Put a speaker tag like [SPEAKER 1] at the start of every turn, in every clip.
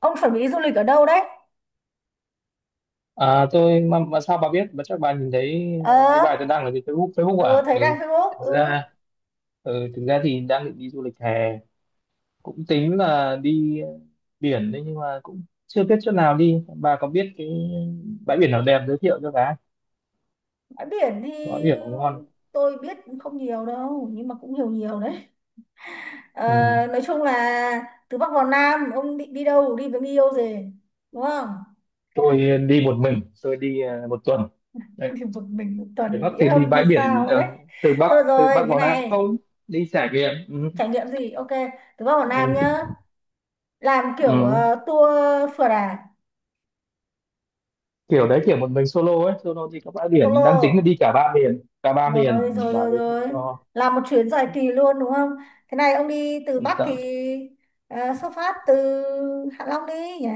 [SPEAKER 1] Ông chuẩn bị đi du lịch ở đâu đấy?
[SPEAKER 2] À, tôi mà sao bà biết? Mà chắc bà nhìn thấy cái
[SPEAKER 1] Ờ,
[SPEAKER 2] bài tôi đăng ở trên Facebook Facebook
[SPEAKER 1] ờ,
[SPEAKER 2] à?
[SPEAKER 1] thấy
[SPEAKER 2] Ừ,
[SPEAKER 1] đăng Facebook,
[SPEAKER 2] thực
[SPEAKER 1] ừ.
[SPEAKER 2] ra ừ, thực ra thì đang định đi du lịch hè, cũng tính là đi biển đấy nhưng mà cũng chưa biết chỗ nào đi. Bà có biết cái bãi biển nào đẹp giới thiệu cho bà?
[SPEAKER 1] Bãi biển
[SPEAKER 2] Bãi
[SPEAKER 1] thì
[SPEAKER 2] biển nào ngon?
[SPEAKER 1] tôi biết không nhiều đâu nhưng mà cũng nhiều nhiều đấy. Ờ,
[SPEAKER 2] Ừ.
[SPEAKER 1] nói chung là từ Bắc vào Nam, ông định đi đâu, đi với người yêu gì đúng không?
[SPEAKER 2] Tôi đi một mình, tôi đi một tuần. Đấy,
[SPEAKER 1] Đi một mình một
[SPEAKER 2] từ
[SPEAKER 1] tuần
[SPEAKER 2] Bắc
[SPEAKER 1] bị
[SPEAKER 2] thì đi
[SPEAKER 1] hâm hay
[SPEAKER 2] bãi biển,
[SPEAKER 1] sao đấy?
[SPEAKER 2] ờ, từ Bắc
[SPEAKER 1] Thôi
[SPEAKER 2] từ
[SPEAKER 1] rồi,
[SPEAKER 2] Bắc
[SPEAKER 1] như
[SPEAKER 2] vào Nam
[SPEAKER 1] này.
[SPEAKER 2] không? Đi trải nghiệm. Ừ.
[SPEAKER 1] Trải nghiệm gì, ok, từ Bắc vào Nam
[SPEAKER 2] Ừ.
[SPEAKER 1] nhá. Làm kiểu
[SPEAKER 2] Ừ.
[SPEAKER 1] tour, phượt à?
[SPEAKER 2] Kiểu đấy, kiểu một mình solo ấy, solo đi các bãi biển, mình đang tính là đi
[SPEAKER 1] Solo.
[SPEAKER 2] cả ba miền, cả ba
[SPEAKER 1] Rồi
[SPEAKER 2] miền,
[SPEAKER 1] rồi
[SPEAKER 2] và
[SPEAKER 1] rồi
[SPEAKER 2] giới thiệu
[SPEAKER 1] rồi,
[SPEAKER 2] cho.
[SPEAKER 1] làm một chuyến dài kỳ luôn đúng không? Thế này, ông đi từ
[SPEAKER 2] Ừ,
[SPEAKER 1] Bắc thì
[SPEAKER 2] sợ
[SPEAKER 1] xuất phát từ Hạ Long đi nhỉ.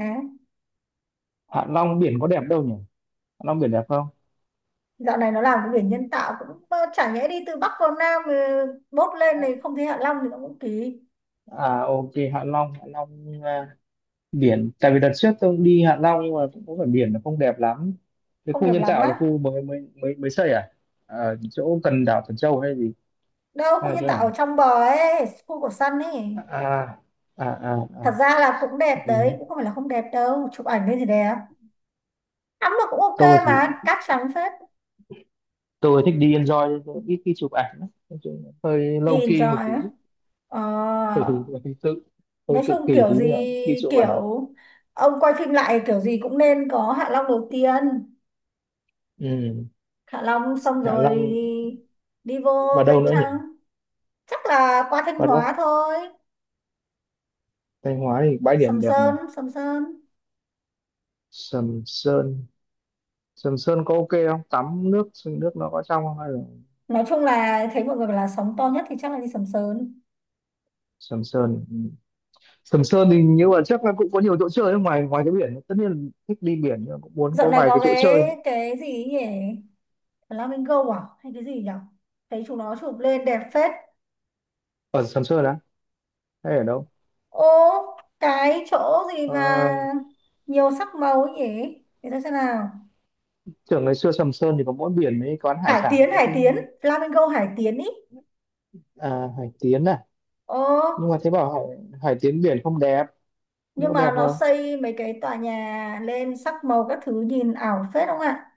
[SPEAKER 2] Hạ Long biển có đẹp đâu nhỉ? Hạ Long biển đẹp không?
[SPEAKER 1] Dạo này nó làm cái biển nhân tạo cũng, chả nhẽ đi từ Bắc vào Nam bốt lên này không thấy Hạ Long thì nó cũng kỳ.
[SPEAKER 2] Ok, Hạ Long, Hạ Long, à, biển, tại vì đợt trước tôi cũng đi Hạ Long nhưng mà cũng có phải biển, nó không đẹp lắm. Cái
[SPEAKER 1] Không
[SPEAKER 2] khu
[SPEAKER 1] đẹp
[SPEAKER 2] nhân
[SPEAKER 1] lắm
[SPEAKER 2] tạo là
[SPEAKER 1] á?
[SPEAKER 2] khu mới mới mới mới xây ở chỗ gần đảo Thần Châu hay gì,
[SPEAKER 1] Đâu,
[SPEAKER 2] hay
[SPEAKER 1] khu
[SPEAKER 2] là
[SPEAKER 1] nhân
[SPEAKER 2] chỗ
[SPEAKER 1] tạo
[SPEAKER 2] nào?
[SPEAKER 1] ở trong bờ ấy, khu của Sun ấy.
[SPEAKER 2] à à à, à.
[SPEAKER 1] Thật ra là cũng đẹp đấy,
[SPEAKER 2] Ừ.
[SPEAKER 1] cũng không phải là không đẹp đâu, chụp ảnh lên thì đẹp. Tắm là cũng ok,
[SPEAKER 2] Tôi thì
[SPEAKER 1] mà cát trắng phết.
[SPEAKER 2] tôi thích đi enjoy, tôi ít khi chụp ảnh lắm. Nói chung là hơi
[SPEAKER 1] Đi
[SPEAKER 2] low key một
[SPEAKER 1] enjoy
[SPEAKER 2] tí.
[SPEAKER 1] á? Ờ.
[SPEAKER 2] Ừ, hơi tự hơi
[SPEAKER 1] Nói
[SPEAKER 2] tự
[SPEAKER 1] chung
[SPEAKER 2] kỷ
[SPEAKER 1] kiểu
[SPEAKER 2] tí
[SPEAKER 1] gì,
[SPEAKER 2] là ghi chỗ
[SPEAKER 1] kiểu
[SPEAKER 2] mày.
[SPEAKER 1] ông quay phim lại kiểu gì cũng nên có Hạ Long đầu tiên.
[SPEAKER 2] Ừ.
[SPEAKER 1] Hạ Long xong
[SPEAKER 2] Hạ
[SPEAKER 1] rồi
[SPEAKER 2] Long
[SPEAKER 1] đi vô
[SPEAKER 2] và
[SPEAKER 1] bên
[SPEAKER 2] đâu nữa nhỉ?
[SPEAKER 1] trong, chắc là qua Thanh
[SPEAKER 2] Và
[SPEAKER 1] Hóa
[SPEAKER 2] đâu?
[SPEAKER 1] thôi.
[SPEAKER 2] Thanh Hóa thì bãi điểm
[SPEAKER 1] Sầm
[SPEAKER 2] đẹp nhỉ?
[SPEAKER 1] Sơn, Sầm Sơn.
[SPEAKER 2] Sầm Sơn, Sầm Sơn có ok không? Tắm nước, nước nó có trong không hay là
[SPEAKER 1] Nói chung là thấy mọi người bảo là sóng to nhất thì chắc là đi Sầm Sơn.
[SPEAKER 2] Sầm Sơn? Ừ. Sầm Sơn thì như là chắc là cũng có nhiều chỗ chơi ở ngoài ngoài cái biển tất nhiên là thích đi biển, nhưng mà cũng muốn
[SPEAKER 1] Dạo
[SPEAKER 2] có
[SPEAKER 1] này
[SPEAKER 2] vài
[SPEAKER 1] có
[SPEAKER 2] cái chỗ chơi
[SPEAKER 1] cái
[SPEAKER 2] nữa.
[SPEAKER 1] cái gì ấy nhỉ, Flamingo à hay cái gì nhỉ? Thấy chúng nó chụp lên đẹp phết.
[SPEAKER 2] Ở Sầm Sơn á, hay ở đâu?
[SPEAKER 1] Ô, cái chỗ gì
[SPEAKER 2] Ờ,
[SPEAKER 1] mà nhiều sắc màu ấy nhỉ? Để tôi xem nào.
[SPEAKER 2] Tưởng ngày xưa Sầm Sơn thì có mỗi biển, mấy quán hải
[SPEAKER 1] Hải
[SPEAKER 2] sản
[SPEAKER 1] Tiến,
[SPEAKER 2] nữa
[SPEAKER 1] Hải
[SPEAKER 2] chứ.
[SPEAKER 1] Tiến, Flamingo Hải Tiến ý.
[SPEAKER 2] À, Hải Tiến à?
[SPEAKER 1] ờ,
[SPEAKER 2] Nhưng mà thấy bảo Hải Tiến biển không đẹp. Nhưng
[SPEAKER 1] nhưng
[SPEAKER 2] có
[SPEAKER 1] mà
[SPEAKER 2] đẹp
[SPEAKER 1] nó
[SPEAKER 2] không?
[SPEAKER 1] xây mấy cái tòa nhà lên sắc màu các thứ nhìn ảo phết không ạ.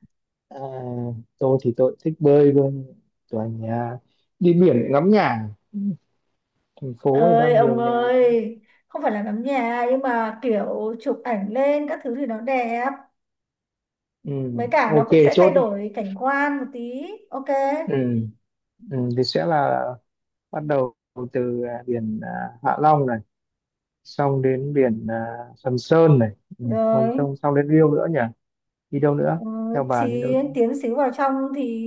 [SPEAKER 2] À, tôi thì tôi thích bơi luôn. Tòa nhà, đi biển ngắm nhà. Ừ, thành phố thì
[SPEAKER 1] Ơi
[SPEAKER 2] đang
[SPEAKER 1] ông
[SPEAKER 2] nhiều nhà.
[SPEAKER 1] ơi, không phải là ngắm nhà, nhưng mà kiểu chụp ảnh lên các thứ thì nó đẹp,
[SPEAKER 2] Ừ,
[SPEAKER 1] với cả nó
[SPEAKER 2] ok,
[SPEAKER 1] cũng sẽ thay
[SPEAKER 2] chốt đi.
[SPEAKER 1] đổi cảnh quan một tí. Ok.
[SPEAKER 2] Ừ, ừ, thì sẽ là bắt đầu từ biển Hạ Long này, xong đến biển Sầm Sơn này. Ừ, còn
[SPEAKER 1] Rồi.
[SPEAKER 2] tông xong đến Riêu nữa nhỉ? Đi đâu nữa?
[SPEAKER 1] Ừ,
[SPEAKER 2] Theo bà đến
[SPEAKER 1] thì
[SPEAKER 2] đâu nữa?
[SPEAKER 1] tiến xíu vào trong thì,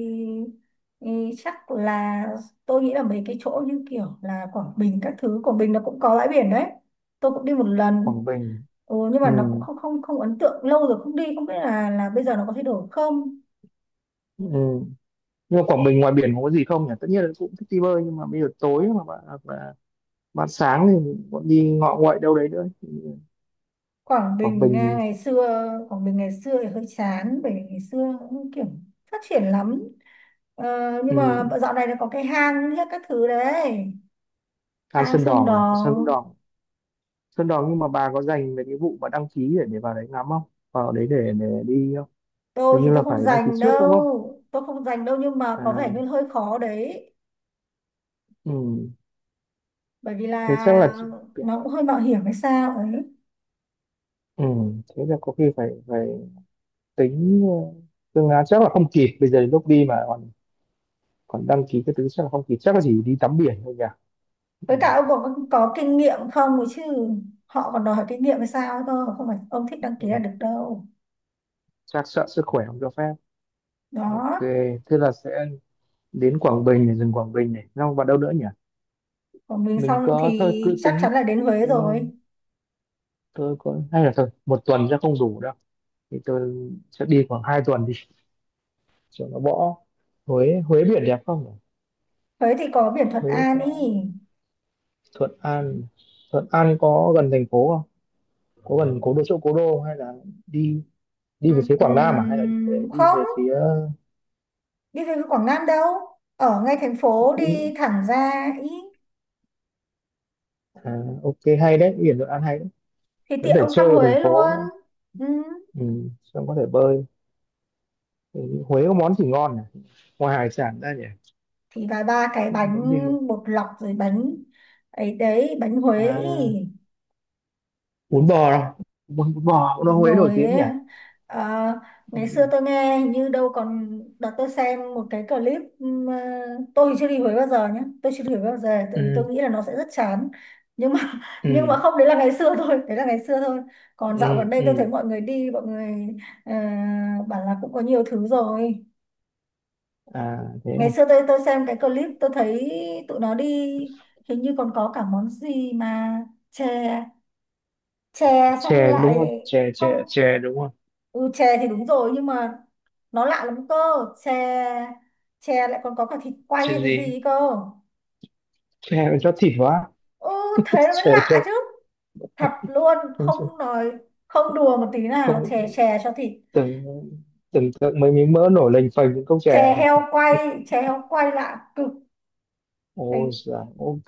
[SPEAKER 1] thì chắc là tôi nghĩ là mấy cái chỗ như kiểu là Quảng Bình các thứ. Quảng Bình nó cũng có bãi biển đấy, tôi cũng đi một lần.
[SPEAKER 2] Quảng Bình.
[SPEAKER 1] Ừ, nhưng
[SPEAKER 2] Ừ,
[SPEAKER 1] mà nó cũng không không không ấn tượng. Lâu rồi không đi, không biết là bây giờ nó có thay đổi không.
[SPEAKER 2] ừ. Nhưng mà Quảng Bình ngoài biển có gì không nhỉ? Tất nhiên là cũng thích đi bơi, nhưng mà bây giờ tối mà bạn, hoặc là bạn sáng thì bọn đi ngọ nguậy đâu đấy nữa.
[SPEAKER 1] Quảng
[SPEAKER 2] Quảng
[SPEAKER 1] Bình à,
[SPEAKER 2] Bình.
[SPEAKER 1] ngày xưa Quảng Bình ngày xưa thì hơi chán, bởi vì ngày xưa cũng kiểu phát triển lắm. Ờ, nhưng
[SPEAKER 2] Ừ.
[SPEAKER 1] mà dạo này nó có cái hang hết các thứ đấy.
[SPEAKER 2] Than
[SPEAKER 1] Hang
[SPEAKER 2] Sơn
[SPEAKER 1] Sơn
[SPEAKER 2] Đòn à, Sơn
[SPEAKER 1] Đòn.
[SPEAKER 2] Đòn, Sơn Đòn. Nhưng mà bà có dành về cái vụ mà đăng ký để vào đấy ngắm không? Vào đấy để đi không?
[SPEAKER 1] Tôi
[SPEAKER 2] Hình
[SPEAKER 1] thì
[SPEAKER 2] như
[SPEAKER 1] tôi
[SPEAKER 2] là
[SPEAKER 1] không
[SPEAKER 2] phải đăng ký
[SPEAKER 1] dành
[SPEAKER 2] trước đúng không?
[SPEAKER 1] đâu, tôi không dành đâu, nhưng mà có vẻ như
[SPEAKER 2] À,
[SPEAKER 1] hơi khó đấy.
[SPEAKER 2] ừ.
[SPEAKER 1] Bởi vì
[SPEAKER 2] Thế
[SPEAKER 1] là
[SPEAKER 2] chắc là chị-
[SPEAKER 1] nó cũng hơi mạo hiểm hay sao ấy.
[SPEAKER 2] Ừ. Thế là có khi phải phải tính ờ, phương án, chắc là không kịp bây giờ, đến lúc đi mà còn còn đăng ký cái thứ chắc là không kịp, chắc là chỉ đi tắm biển thôi nhỉ. Ừ.
[SPEAKER 1] Với cả ông có kinh nghiệm không ấy chứ? Họ còn đòi hỏi kinh nghiệm hay sao cơ, không phải ông thích đăng ký là
[SPEAKER 2] Ừ.
[SPEAKER 1] được đâu.
[SPEAKER 2] Chắc sợ sức khỏe không cho phép. Ok,
[SPEAKER 1] Đó.
[SPEAKER 2] thế là sẽ đến Quảng Bình này, dừng Quảng Bình này xong vào đâu nữa nhỉ?
[SPEAKER 1] Của mình
[SPEAKER 2] Mình
[SPEAKER 1] xong
[SPEAKER 2] có thôi
[SPEAKER 1] thì
[SPEAKER 2] cứ
[SPEAKER 1] chắc
[SPEAKER 2] tính.
[SPEAKER 1] chắn là đến Huế
[SPEAKER 2] Ừ,
[SPEAKER 1] rồi.
[SPEAKER 2] tôi có, hay là thôi một tuần sẽ không đủ đâu, thì tôi sẽ đi khoảng hai tuần đi cho nó bỏ. Huế, Huế biển đẹp không nhỉ?
[SPEAKER 1] Huế thì có biển Thuận
[SPEAKER 2] Huế
[SPEAKER 1] An ý.
[SPEAKER 2] có Thuận An. Thuận An có gần thành phố không? Có gần cố đô, chỗ cố đô không? Hay là đi đi về phía Quảng Nam, à hay là đi
[SPEAKER 1] Không,
[SPEAKER 2] về phía
[SPEAKER 1] đi về Quảng Nam đâu, ở ngay thành phố
[SPEAKER 2] đi,
[SPEAKER 1] đi thẳng ra ý.
[SPEAKER 2] à, ok, hay đấy, biển Thuận An hay đấy.
[SPEAKER 1] Thì
[SPEAKER 2] Có
[SPEAKER 1] tiện
[SPEAKER 2] thể
[SPEAKER 1] ông thăm
[SPEAKER 2] chơi ở thành
[SPEAKER 1] Huế
[SPEAKER 2] phố
[SPEAKER 1] luôn.
[SPEAKER 2] nữa.
[SPEAKER 1] Ừm,
[SPEAKER 2] Ừ, xong có thể bơi. Ừ, Huế có món gì ngon nhỉ, ngoài hải sản ra nhỉ?
[SPEAKER 1] thì vài ba cái bánh
[SPEAKER 2] Món gì ngon?
[SPEAKER 1] bột lọc rồi bánh ấy đấy, bánh Huế ý.
[SPEAKER 2] À bún bò đâu, bún bò cũng ở
[SPEAKER 1] Đúng
[SPEAKER 2] Huế nổi
[SPEAKER 1] rồi
[SPEAKER 2] tiếng
[SPEAKER 1] ấy.
[SPEAKER 2] nhỉ.
[SPEAKER 1] Ờ, ngày xưa
[SPEAKER 2] Ừ.
[SPEAKER 1] tôi nghe hình như đâu, còn đợt tôi xem một cái clip tôi thì chưa đi Huế bao giờ nhé, tôi chưa đi Huế bao giờ tại vì tôi
[SPEAKER 2] Ừ.
[SPEAKER 1] nghĩ là nó sẽ rất chán. Nhưng mà nhưng mà
[SPEAKER 2] Ừ.
[SPEAKER 1] không, đấy là ngày xưa thôi, đấy là ngày xưa thôi. Còn
[SPEAKER 2] Ừ.
[SPEAKER 1] dạo gần đây tôi thấy
[SPEAKER 2] Ừ.
[SPEAKER 1] mọi người đi, mọi người ờ, bảo là cũng có nhiều thứ rồi.
[SPEAKER 2] À, thế à.
[SPEAKER 1] Ngày xưa tôi xem cái clip tôi thấy tụi nó đi, hình như còn có cả món gì mà chè, chè xong
[SPEAKER 2] Chè đúng
[SPEAKER 1] lại,
[SPEAKER 2] không, chè
[SPEAKER 1] không.
[SPEAKER 2] chè chè đúng không?
[SPEAKER 1] Ừ, chè thì đúng rồi nhưng mà nó lạ lắm cơ. Chè, chè lại còn có cả thịt quay
[SPEAKER 2] Chè
[SPEAKER 1] hay cái
[SPEAKER 2] gì,
[SPEAKER 1] gì ấy cơ.
[SPEAKER 2] chè mà cho thịt quá?
[SPEAKER 1] Ừ, thế nó mới
[SPEAKER 2] Chè
[SPEAKER 1] lạ
[SPEAKER 2] cho
[SPEAKER 1] chứ, thật luôn
[SPEAKER 2] không,
[SPEAKER 1] không nói, không đùa một tí nào,
[SPEAKER 2] không-
[SPEAKER 1] chè chè cho thịt.
[SPEAKER 2] tưởng, tưởng tượng mấy miếng mỡ nổi lềnh phềnh những cốc
[SPEAKER 1] Chè
[SPEAKER 2] chè.
[SPEAKER 1] heo quay, chè heo quay lạ cực.
[SPEAKER 2] Ồ,
[SPEAKER 1] Thế,
[SPEAKER 2] dạ, ok.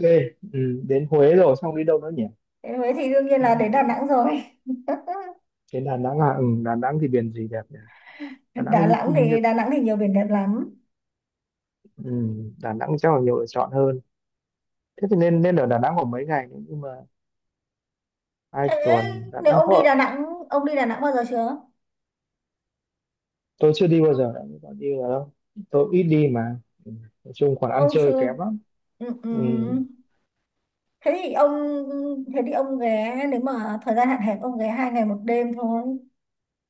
[SPEAKER 2] Ừ, đến Huế rồi, xong đi đâu nữa nhỉ?
[SPEAKER 1] thế mới thì đương nhiên
[SPEAKER 2] Đến
[SPEAKER 1] là đến Đà
[SPEAKER 2] Huế.
[SPEAKER 1] Nẵng rồi.
[SPEAKER 2] Đến Đà Nẵng à? Ừ, Đà Nẵng thì biển gì đẹp nhỉ? Đà Nẵng hình như, như, như-
[SPEAKER 1] Đà Nẵng thì nhiều biển đẹp lắm.
[SPEAKER 2] Ừ, Đà Nẵng chắc là nhiều lựa chọn hơn. Thế thì nên nên ở Đà Nẵng khoảng mấy ngày nữa, nhưng mà hai
[SPEAKER 1] Thế
[SPEAKER 2] tuần đã
[SPEAKER 1] nếu
[SPEAKER 2] đang
[SPEAKER 1] ông đi Đà
[SPEAKER 2] có.
[SPEAKER 1] Nẵng, ông đi Đà Nẵng bao giờ chưa?
[SPEAKER 2] Tôi chưa đi bao giờ, đã có đi vào đâu, tôi ít đi mà. Ừ. Nói chung còn ăn
[SPEAKER 1] Ông
[SPEAKER 2] chơi
[SPEAKER 1] chưa,
[SPEAKER 2] kém lắm.
[SPEAKER 1] ừ, ừ.
[SPEAKER 2] Ừ.
[SPEAKER 1] Thế thì ông, ghé nếu mà thời gian hạn hẹp ông ghé 2 ngày 1 đêm thôi,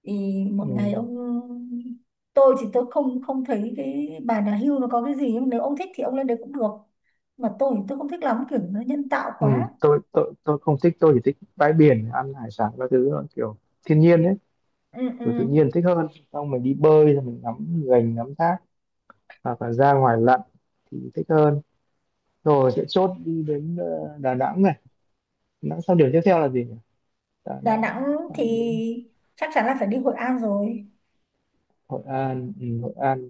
[SPEAKER 1] thì một ngày
[SPEAKER 2] Ừ.
[SPEAKER 1] ông. Tôi thì tôi không không thấy cái bà nhà hưu nó có cái gì, nhưng nếu ông thích thì ông lên đấy cũng được. Mà tôi thì tôi không thích lắm, kiểu nó nhân tạo
[SPEAKER 2] Ừ.
[SPEAKER 1] quá.
[SPEAKER 2] Tôi không thích, tôi chỉ thích bãi biển, ăn hải sản các thứ thôi, kiểu thiên nhiên ấy,
[SPEAKER 1] Ừ,
[SPEAKER 2] kiểu tự
[SPEAKER 1] ừ.
[SPEAKER 2] nhiên thích hơn. Xong mình đi bơi rồi mình ngắm gành, ngắm thác, hoặc là ra ngoài lặn thì thích hơn. Rồi sẽ chốt đi đến Đà Nẵng này. Đà Nẵng xong, điểm tiếp theo là gì nhỉ? Đà
[SPEAKER 1] Đà
[SPEAKER 2] Nẵng
[SPEAKER 1] Nẵng
[SPEAKER 2] xong
[SPEAKER 1] thì
[SPEAKER 2] đến
[SPEAKER 1] chắc chắn là phải đi Hội An rồi.
[SPEAKER 2] Hội An. Ừ, Hội An,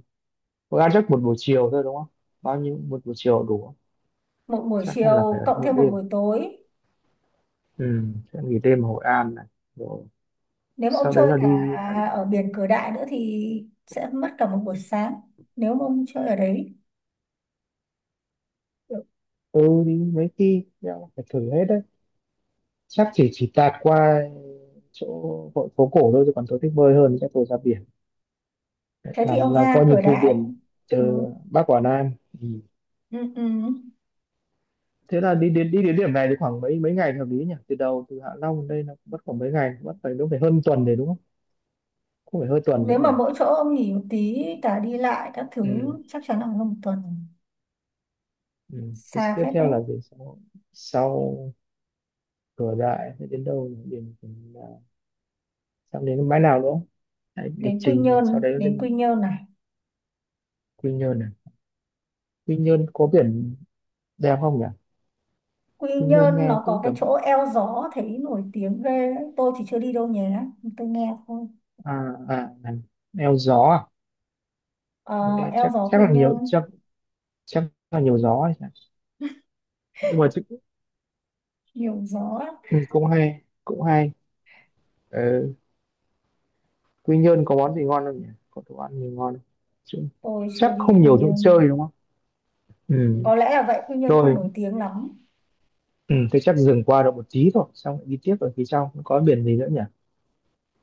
[SPEAKER 2] Hội An chắc một buổi chiều thôi đúng không? Bao nhiêu, một buổi chiều đủ.
[SPEAKER 1] Một buổi
[SPEAKER 2] Chắc là phải
[SPEAKER 1] chiều
[SPEAKER 2] ấn
[SPEAKER 1] cộng
[SPEAKER 2] một
[SPEAKER 1] thêm một
[SPEAKER 2] đêm,
[SPEAKER 1] buổi tối.
[SPEAKER 2] ừ, sẽ nghỉ đêm ở Hội An này. Rồi
[SPEAKER 1] Nếu mà ông
[SPEAKER 2] sau đấy
[SPEAKER 1] chơi
[SPEAKER 2] là
[SPEAKER 1] cả
[SPEAKER 2] đi bãi.
[SPEAKER 1] ở biển Cửa Đại nữa thì sẽ mất cả một buổi sáng, nếu mà ông chơi ở đấy.
[SPEAKER 2] Ừ, đi mấy khi đeo phải thử hết đấy. Chắc chỉ tạt qua chỗ hội phố cổ thôi, chứ còn tôi thích bơi hơn, chắc tôi ra biển
[SPEAKER 1] Thế thì
[SPEAKER 2] làm
[SPEAKER 1] ông
[SPEAKER 2] là
[SPEAKER 1] ra
[SPEAKER 2] coi như
[SPEAKER 1] Cửa
[SPEAKER 2] thu
[SPEAKER 1] Đại.
[SPEAKER 2] biển
[SPEAKER 1] Ừ.
[SPEAKER 2] từ Bắc vào Nam. Ừ.
[SPEAKER 1] Ừ, ừ.
[SPEAKER 2] Thế là đi đến điểm này thì khoảng mấy mấy ngày là hợp lý nhỉ? Từ đầu, từ Hạ Long đến đây là mất khoảng mấy ngày, mất phải đúng phải hơn tuần đấy đúng không? Không, phải hơn tuần đấy
[SPEAKER 1] Nếu
[SPEAKER 2] nhỉ.
[SPEAKER 1] mà mỗi chỗ ông nghỉ một tí cả đi lại các thứ
[SPEAKER 2] Ừ.
[SPEAKER 1] chắc chắn là hơn một tuần,
[SPEAKER 2] Ừ. Thế
[SPEAKER 1] xa
[SPEAKER 2] tiếp
[SPEAKER 1] phết
[SPEAKER 2] theo
[SPEAKER 1] đấy.
[SPEAKER 2] là gì, sau sau cửa đại sẽ đến đâu, điểm điểm là sắp đến cái bãi nào nữa? Đấy, lịch
[SPEAKER 1] Đến Quy
[SPEAKER 2] trình sau
[SPEAKER 1] Nhơn,
[SPEAKER 2] đấy
[SPEAKER 1] đến
[SPEAKER 2] lên
[SPEAKER 1] Quy Nhơn này.
[SPEAKER 2] Quy Nhơn này. Quy Nhơn có biển đẹp không nhỉ?
[SPEAKER 1] Quy
[SPEAKER 2] Quy Nhơn
[SPEAKER 1] Nhơn
[SPEAKER 2] nghe
[SPEAKER 1] nó có
[SPEAKER 2] cũng
[SPEAKER 1] cái
[SPEAKER 2] tầm.
[SPEAKER 1] chỗ eo gió thấy nổi tiếng ghê ấy. Tôi thì chưa đi đâu nhé, tôi nghe thôi.
[SPEAKER 2] À, à này. Eo gió à,
[SPEAKER 1] Ờ,
[SPEAKER 2] nghe
[SPEAKER 1] eo
[SPEAKER 2] chắc
[SPEAKER 1] gió
[SPEAKER 2] chắc
[SPEAKER 1] Quy
[SPEAKER 2] là nhiều, chắc
[SPEAKER 1] Nhơn
[SPEAKER 2] chắc là nhiều gió ấy nhỉ? Nhưng mà chứ,
[SPEAKER 1] nhiều gió lắm.
[SPEAKER 2] ừ, cũng hay, cũng hay. Ờ, Quy Nhơn có món gì ngon không nhỉ, có đồ ăn gì ngon không? Chứ,
[SPEAKER 1] Tôi chưa
[SPEAKER 2] chắc
[SPEAKER 1] đi
[SPEAKER 2] không
[SPEAKER 1] Quy
[SPEAKER 2] nhiều chỗ
[SPEAKER 1] Nhơn,
[SPEAKER 2] chơi đúng không? Ừ.
[SPEAKER 1] có lẽ là vậy, Quy Nhơn không
[SPEAKER 2] Rồi,
[SPEAKER 1] nổi tiếng lắm.
[SPEAKER 2] ừ, thế chắc dừng qua được một tí thôi, xong lại đi tiếp, ở phía sau có biển gì nữa nhỉ?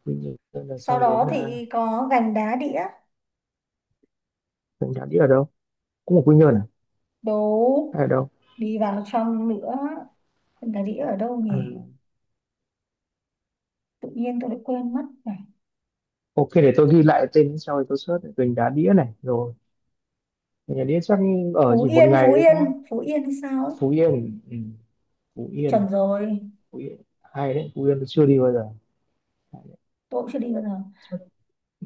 [SPEAKER 2] Quy Nhơn là
[SPEAKER 1] Sau
[SPEAKER 2] xong,
[SPEAKER 1] đó
[SPEAKER 2] đến
[SPEAKER 1] thì có Gành Đá Đĩa.
[SPEAKER 2] Mình Đá Đĩa ở đâu? Cũng ở Quy Nhơn à,
[SPEAKER 1] Đố,
[SPEAKER 2] hay ở đâu?
[SPEAKER 1] đi vào trong nữa. Em Đà Đĩa ở đâu
[SPEAKER 2] À,
[SPEAKER 1] nhỉ? Tự nhiên tôi lại quên mất này.
[SPEAKER 2] ok, để tôi ghi lại tên sau thì tôi search này. Gành Đá Đĩa này rồi. Gành Đá Đĩa chắc ở
[SPEAKER 1] Phú
[SPEAKER 2] chỉ một
[SPEAKER 1] Yên, Phú
[SPEAKER 2] ngày đấy đúng không?
[SPEAKER 1] Yên, Phú Yên hay sao ấy?
[SPEAKER 2] Phú Yên. Ừ. Phú Yên,
[SPEAKER 1] Chuẩn rồi,
[SPEAKER 2] Phú Yên hay đấy, Phú Yên tôi chưa đi bao giờ. Hay đấy.
[SPEAKER 1] tôi cũng chưa đi bao giờ.
[SPEAKER 2] Chắc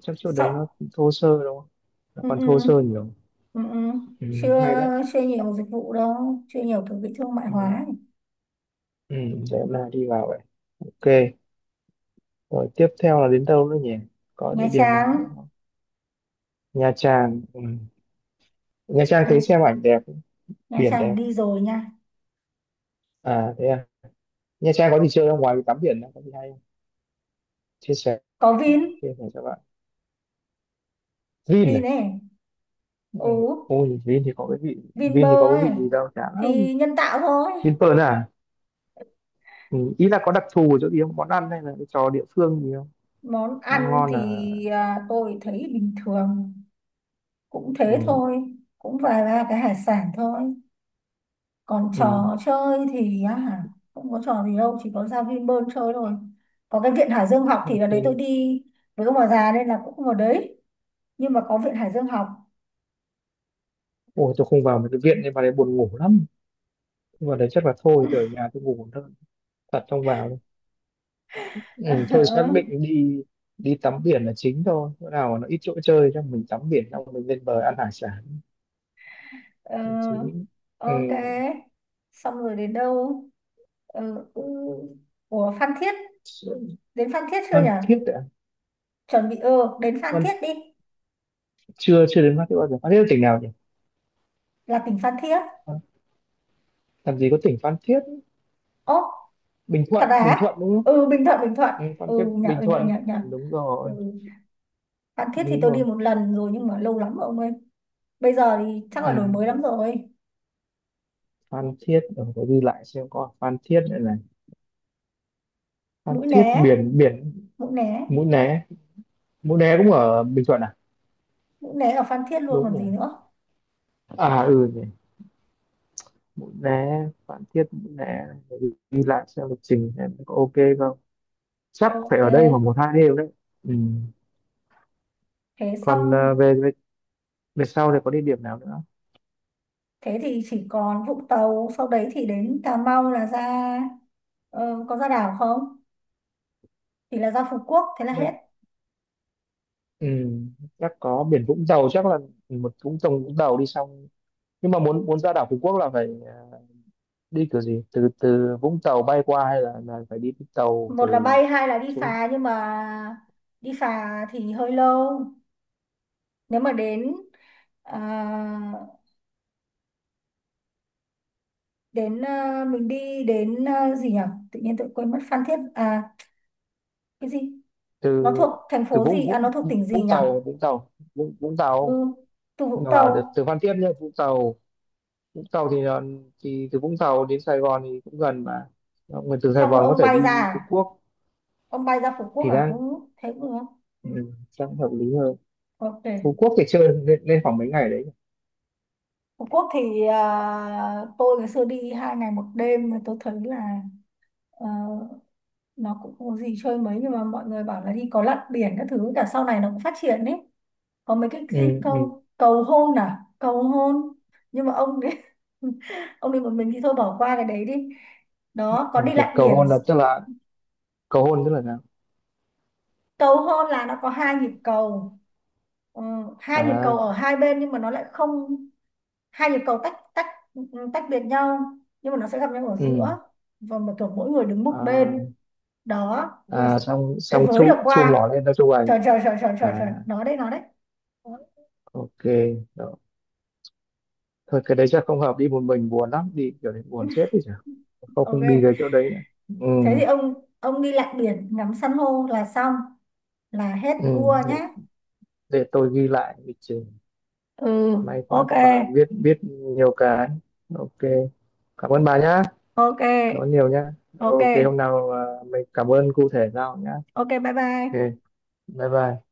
[SPEAKER 2] chắc chỗ đấy nó
[SPEAKER 1] Sóc,
[SPEAKER 2] thô sơ đúng không, nó
[SPEAKER 1] ừ,
[SPEAKER 2] còn
[SPEAKER 1] ừ,
[SPEAKER 2] thô sơ nhiều.
[SPEAKER 1] ừ, ừ.
[SPEAKER 2] Ừ.
[SPEAKER 1] Chưa,
[SPEAKER 2] Hay đấy.
[SPEAKER 1] chưa nhiều dịch vụ đâu, chưa nhiều kiểu bị thương mại
[SPEAKER 2] Ừ.
[SPEAKER 1] hóa ấy.
[SPEAKER 2] Ừ. Để hôm nay đi vào vậy. Ok, rồi tiếp theo là đến đâu nữa nhỉ, có
[SPEAKER 1] Nha
[SPEAKER 2] địa điểm
[SPEAKER 1] Trang,
[SPEAKER 2] nào nữa không? Nha Trang. Ừ. Nha Trang thấy xem
[SPEAKER 1] Nha,
[SPEAKER 2] ảnh đẹp,
[SPEAKER 1] Nha
[SPEAKER 2] biển
[SPEAKER 1] Trang
[SPEAKER 2] đẹp.
[SPEAKER 1] đi rồi nha.
[SPEAKER 2] À thế à. Nha Trang có gì chơi không? Ngoài tắm biển có gì hay không? Chia sẻ,
[SPEAKER 1] Có Vin,
[SPEAKER 2] cho bạn. Vin
[SPEAKER 1] Vin
[SPEAKER 2] này.
[SPEAKER 1] này,
[SPEAKER 2] Ừ.
[SPEAKER 1] ừ,
[SPEAKER 2] Ôi Vin thì có cái vị,
[SPEAKER 1] Vinpearl ấy.
[SPEAKER 2] gì đâu chả lắm.
[SPEAKER 1] Thì nhân tạo thôi.
[SPEAKER 2] Vinpearl à? Ừ. Ý là có đặc thù ở chỗ gì không? Món ăn hay là cái trò địa phương gì không?
[SPEAKER 1] Món
[SPEAKER 2] Ngon
[SPEAKER 1] ăn
[SPEAKER 2] ngon là,
[SPEAKER 1] thì tôi thấy bình thường, cũng thế
[SPEAKER 2] ừ.
[SPEAKER 1] thôi, cũng vài ba cái hải sản thôi. Còn
[SPEAKER 2] Ừ.
[SPEAKER 1] trò chơi thì á, không có trò gì đâu, chỉ có ra Vinpearl chơi thôi. Có cái viện Hải Dương học thì
[SPEAKER 2] Là
[SPEAKER 1] là đấy, tôi
[SPEAKER 2] Vin.
[SPEAKER 1] đi với ông bà già nên là cũng không vào đấy, nhưng mà có viện Hải Dương học.
[SPEAKER 2] Ôi tôi không vào mấy cái viện nên vào đấy buồn ngủ lắm. Vào đấy chắc là thôi tôi ở nhà tôi ngủ thôi. Thật không vào đâu. Ừ. Thôi xác định đi, đi tắm biển là chính thôi. Chỗ nào mà nó ít chỗ chơi cho mình, tắm biển xong mình lên bờ ăn hải sản
[SPEAKER 1] Ờ, ờ,
[SPEAKER 2] chí.
[SPEAKER 1] ok.
[SPEAKER 2] Ừ.
[SPEAKER 1] Xong rồi đến đâu? Ừ, ừ. Ủa, Phan Thiết, đến Phan Thiết chưa nhỉ?
[SPEAKER 2] Phan Thiết ạ.
[SPEAKER 1] Chuẩn bị, ừ, đến Phan Thiết
[SPEAKER 2] Con
[SPEAKER 1] đi.
[SPEAKER 2] chưa chưa đến Phan Thiết bao giờ. Phan Thiết là tỉnh nào nhỉ?
[SPEAKER 1] Là tỉnh Phan Thiết.
[SPEAKER 2] Phan- làm gì có tỉnh Phan Thiết.
[SPEAKER 1] Ố,
[SPEAKER 2] Bình
[SPEAKER 1] thật
[SPEAKER 2] Thuận, Bình
[SPEAKER 1] à?
[SPEAKER 2] Thuận đúng không?
[SPEAKER 1] Ừ, Bình Thuận, Bình Thuận.
[SPEAKER 2] Ừ, Phan Thiết
[SPEAKER 1] Ừ nhở,
[SPEAKER 2] Bình
[SPEAKER 1] ừ nhở,
[SPEAKER 2] Thuận.
[SPEAKER 1] nhở, nhở.
[SPEAKER 2] Đúng
[SPEAKER 1] Ừ.
[SPEAKER 2] rồi.
[SPEAKER 1] Phan Thiết thì
[SPEAKER 2] Đúng
[SPEAKER 1] tôi đi
[SPEAKER 2] rồi.
[SPEAKER 1] một lần rồi nhưng mà lâu lắm rồi ông ơi. Bây giờ thì chắc là đổi
[SPEAKER 2] Ừ.
[SPEAKER 1] mới lắm rồi.
[SPEAKER 2] Phan Thiết ở phải ghi lại xem có ở Phan Thiết nữa này. Phan
[SPEAKER 1] Mũi Né,
[SPEAKER 2] Thiết biển, biển.
[SPEAKER 1] Mũi Né.
[SPEAKER 2] Mũi Né. Mũi Né cũng ở Bình Thuận à?
[SPEAKER 1] Mũi Né ở Phan Thiết luôn
[SPEAKER 2] Đúng
[SPEAKER 1] còn
[SPEAKER 2] rồi.
[SPEAKER 1] gì nữa.
[SPEAKER 2] À ừ nhỉ, Mũi Né Phan Thiết, Mũi Né phải ghi ghi lại xem lịch trình em có ok không. Chắc phải
[SPEAKER 1] Ok.
[SPEAKER 2] ở đây khoảng một hai đêm đấy. Ừ.
[SPEAKER 1] Thế
[SPEAKER 2] Còn
[SPEAKER 1] xong,
[SPEAKER 2] về, về sau thì có địa điểm nào nữa?
[SPEAKER 1] thế thì chỉ còn Vũng Tàu, sau đấy thì đến Cà Mau là ra. Có ra đảo không thì là ra Phú Quốc, thế là
[SPEAKER 2] Chắc,
[SPEAKER 1] hết.
[SPEAKER 2] ừ, chắc có biển Vũng Tàu, chắc là một Vũng Tàu, Vũng Tàu đi xong. Nhưng mà muốn muốn ra đảo Phú Quốc là phải, đi kiểu gì, từ từ Vũng Tàu bay qua hay là phải đi tàu
[SPEAKER 1] Một là
[SPEAKER 2] từ
[SPEAKER 1] bay, hai là đi
[SPEAKER 2] xuống?
[SPEAKER 1] phà, nhưng mà đi phà thì hơi lâu. Nếu mà đến à, đến mình đi đến gì nhỉ, tự nhiên tôi quên mất Phan Thiết à, cái gì,
[SPEAKER 2] Từ
[SPEAKER 1] nó thuộc thành
[SPEAKER 2] từ
[SPEAKER 1] phố
[SPEAKER 2] Vũng
[SPEAKER 1] gì à, nó
[SPEAKER 2] Vũng
[SPEAKER 1] thuộc tỉnh gì
[SPEAKER 2] Vũng
[SPEAKER 1] nhỉ.
[SPEAKER 2] Tàu, Vũng Tàu, Vũng
[SPEAKER 1] Ừ,
[SPEAKER 2] Tàu,
[SPEAKER 1] từ Vũng
[SPEAKER 2] mà được
[SPEAKER 1] Tàu,
[SPEAKER 2] từ Phan Thiết nhá. Vũng Tàu, Vũng Tàu thì là, thì từ Vũng Tàu đến Sài Gòn thì cũng gần mà. Mọi người từ Sài
[SPEAKER 1] xong rồi
[SPEAKER 2] Gòn có
[SPEAKER 1] ông
[SPEAKER 2] thể
[SPEAKER 1] bay ra
[SPEAKER 2] đi Phú
[SPEAKER 1] à?
[SPEAKER 2] Quốc
[SPEAKER 1] Ông bay ra Phú Quốc
[SPEAKER 2] thì
[SPEAKER 1] à, ừ,
[SPEAKER 2] đang,
[SPEAKER 1] thế cũng được.
[SPEAKER 2] ừ, đang hợp lý hơn.
[SPEAKER 1] Ok.
[SPEAKER 2] Phú Quốc thì chơi lên, lên khoảng mấy ngày đấy.
[SPEAKER 1] Phú Quốc thì tôi ngày xưa đi 2 ngày 1 đêm tôi thấy là, ờ, nó cũng không có gì chơi mấy nhưng mà mọi người bảo là đi có lặn biển các thứ, cả sau này nó cũng phát triển đấy. Có mấy cái gì
[SPEAKER 2] Ừ. Ừ.
[SPEAKER 1] cầu, cầu hôn, à cầu hôn. Nhưng mà ông đi ông đi một mình thì thôi bỏ qua cái đấy đi. Đó, có
[SPEAKER 2] Ok,
[SPEAKER 1] đi lặn
[SPEAKER 2] cầu
[SPEAKER 1] biển.
[SPEAKER 2] hôn là tức là, cầu hôn tức là sao?
[SPEAKER 1] Cầu hôn là nó có hai nhịp cầu. Ờ, hai nhịp cầu
[SPEAKER 2] À
[SPEAKER 1] ở hai bên nhưng mà nó lại không, hai nhịp cầu tách tách, tách biệt nhau nhưng mà nó sẽ gặp nhau ở giữa.
[SPEAKER 2] ừ.
[SPEAKER 1] Và mà kiểu mỗi người đứng một
[SPEAKER 2] À,
[SPEAKER 1] bên. Đó, nhưng mà
[SPEAKER 2] à xong
[SPEAKER 1] để
[SPEAKER 2] xong
[SPEAKER 1] với được
[SPEAKER 2] chu chu
[SPEAKER 1] qua,
[SPEAKER 2] mỏ lên ra chu ảnh.
[SPEAKER 1] trời trời trời trời trời
[SPEAKER 2] À,
[SPEAKER 1] trời, nó đấy, nó đấy.
[SPEAKER 2] ok, đó. Thôi cái đấy chắc không hợp, đi một mình buồn lắm, đi kiểu đấy buồn chết đi chả, không không đi
[SPEAKER 1] Ok.
[SPEAKER 2] cái chỗ đấy nữa. Ừ.
[SPEAKER 1] Thế thì ông đi lặn biển ngắm san hô là xong, là hết
[SPEAKER 2] Ừ.
[SPEAKER 1] tour
[SPEAKER 2] để,
[SPEAKER 1] nhé.
[SPEAKER 2] để tôi ghi lại lịch trình.
[SPEAKER 1] Ừ,
[SPEAKER 2] May quá
[SPEAKER 1] ok,
[SPEAKER 2] các bà biết, nhiều cái. Ok, cảm ơn bà nhá.
[SPEAKER 1] ok,
[SPEAKER 2] Cảm ơn nhiều nhá.
[SPEAKER 1] ok,
[SPEAKER 2] Ok hôm nào, mình cảm ơn cụ thể sau nhá.
[SPEAKER 1] ok, bye
[SPEAKER 2] Ok
[SPEAKER 1] bye.
[SPEAKER 2] bye bye.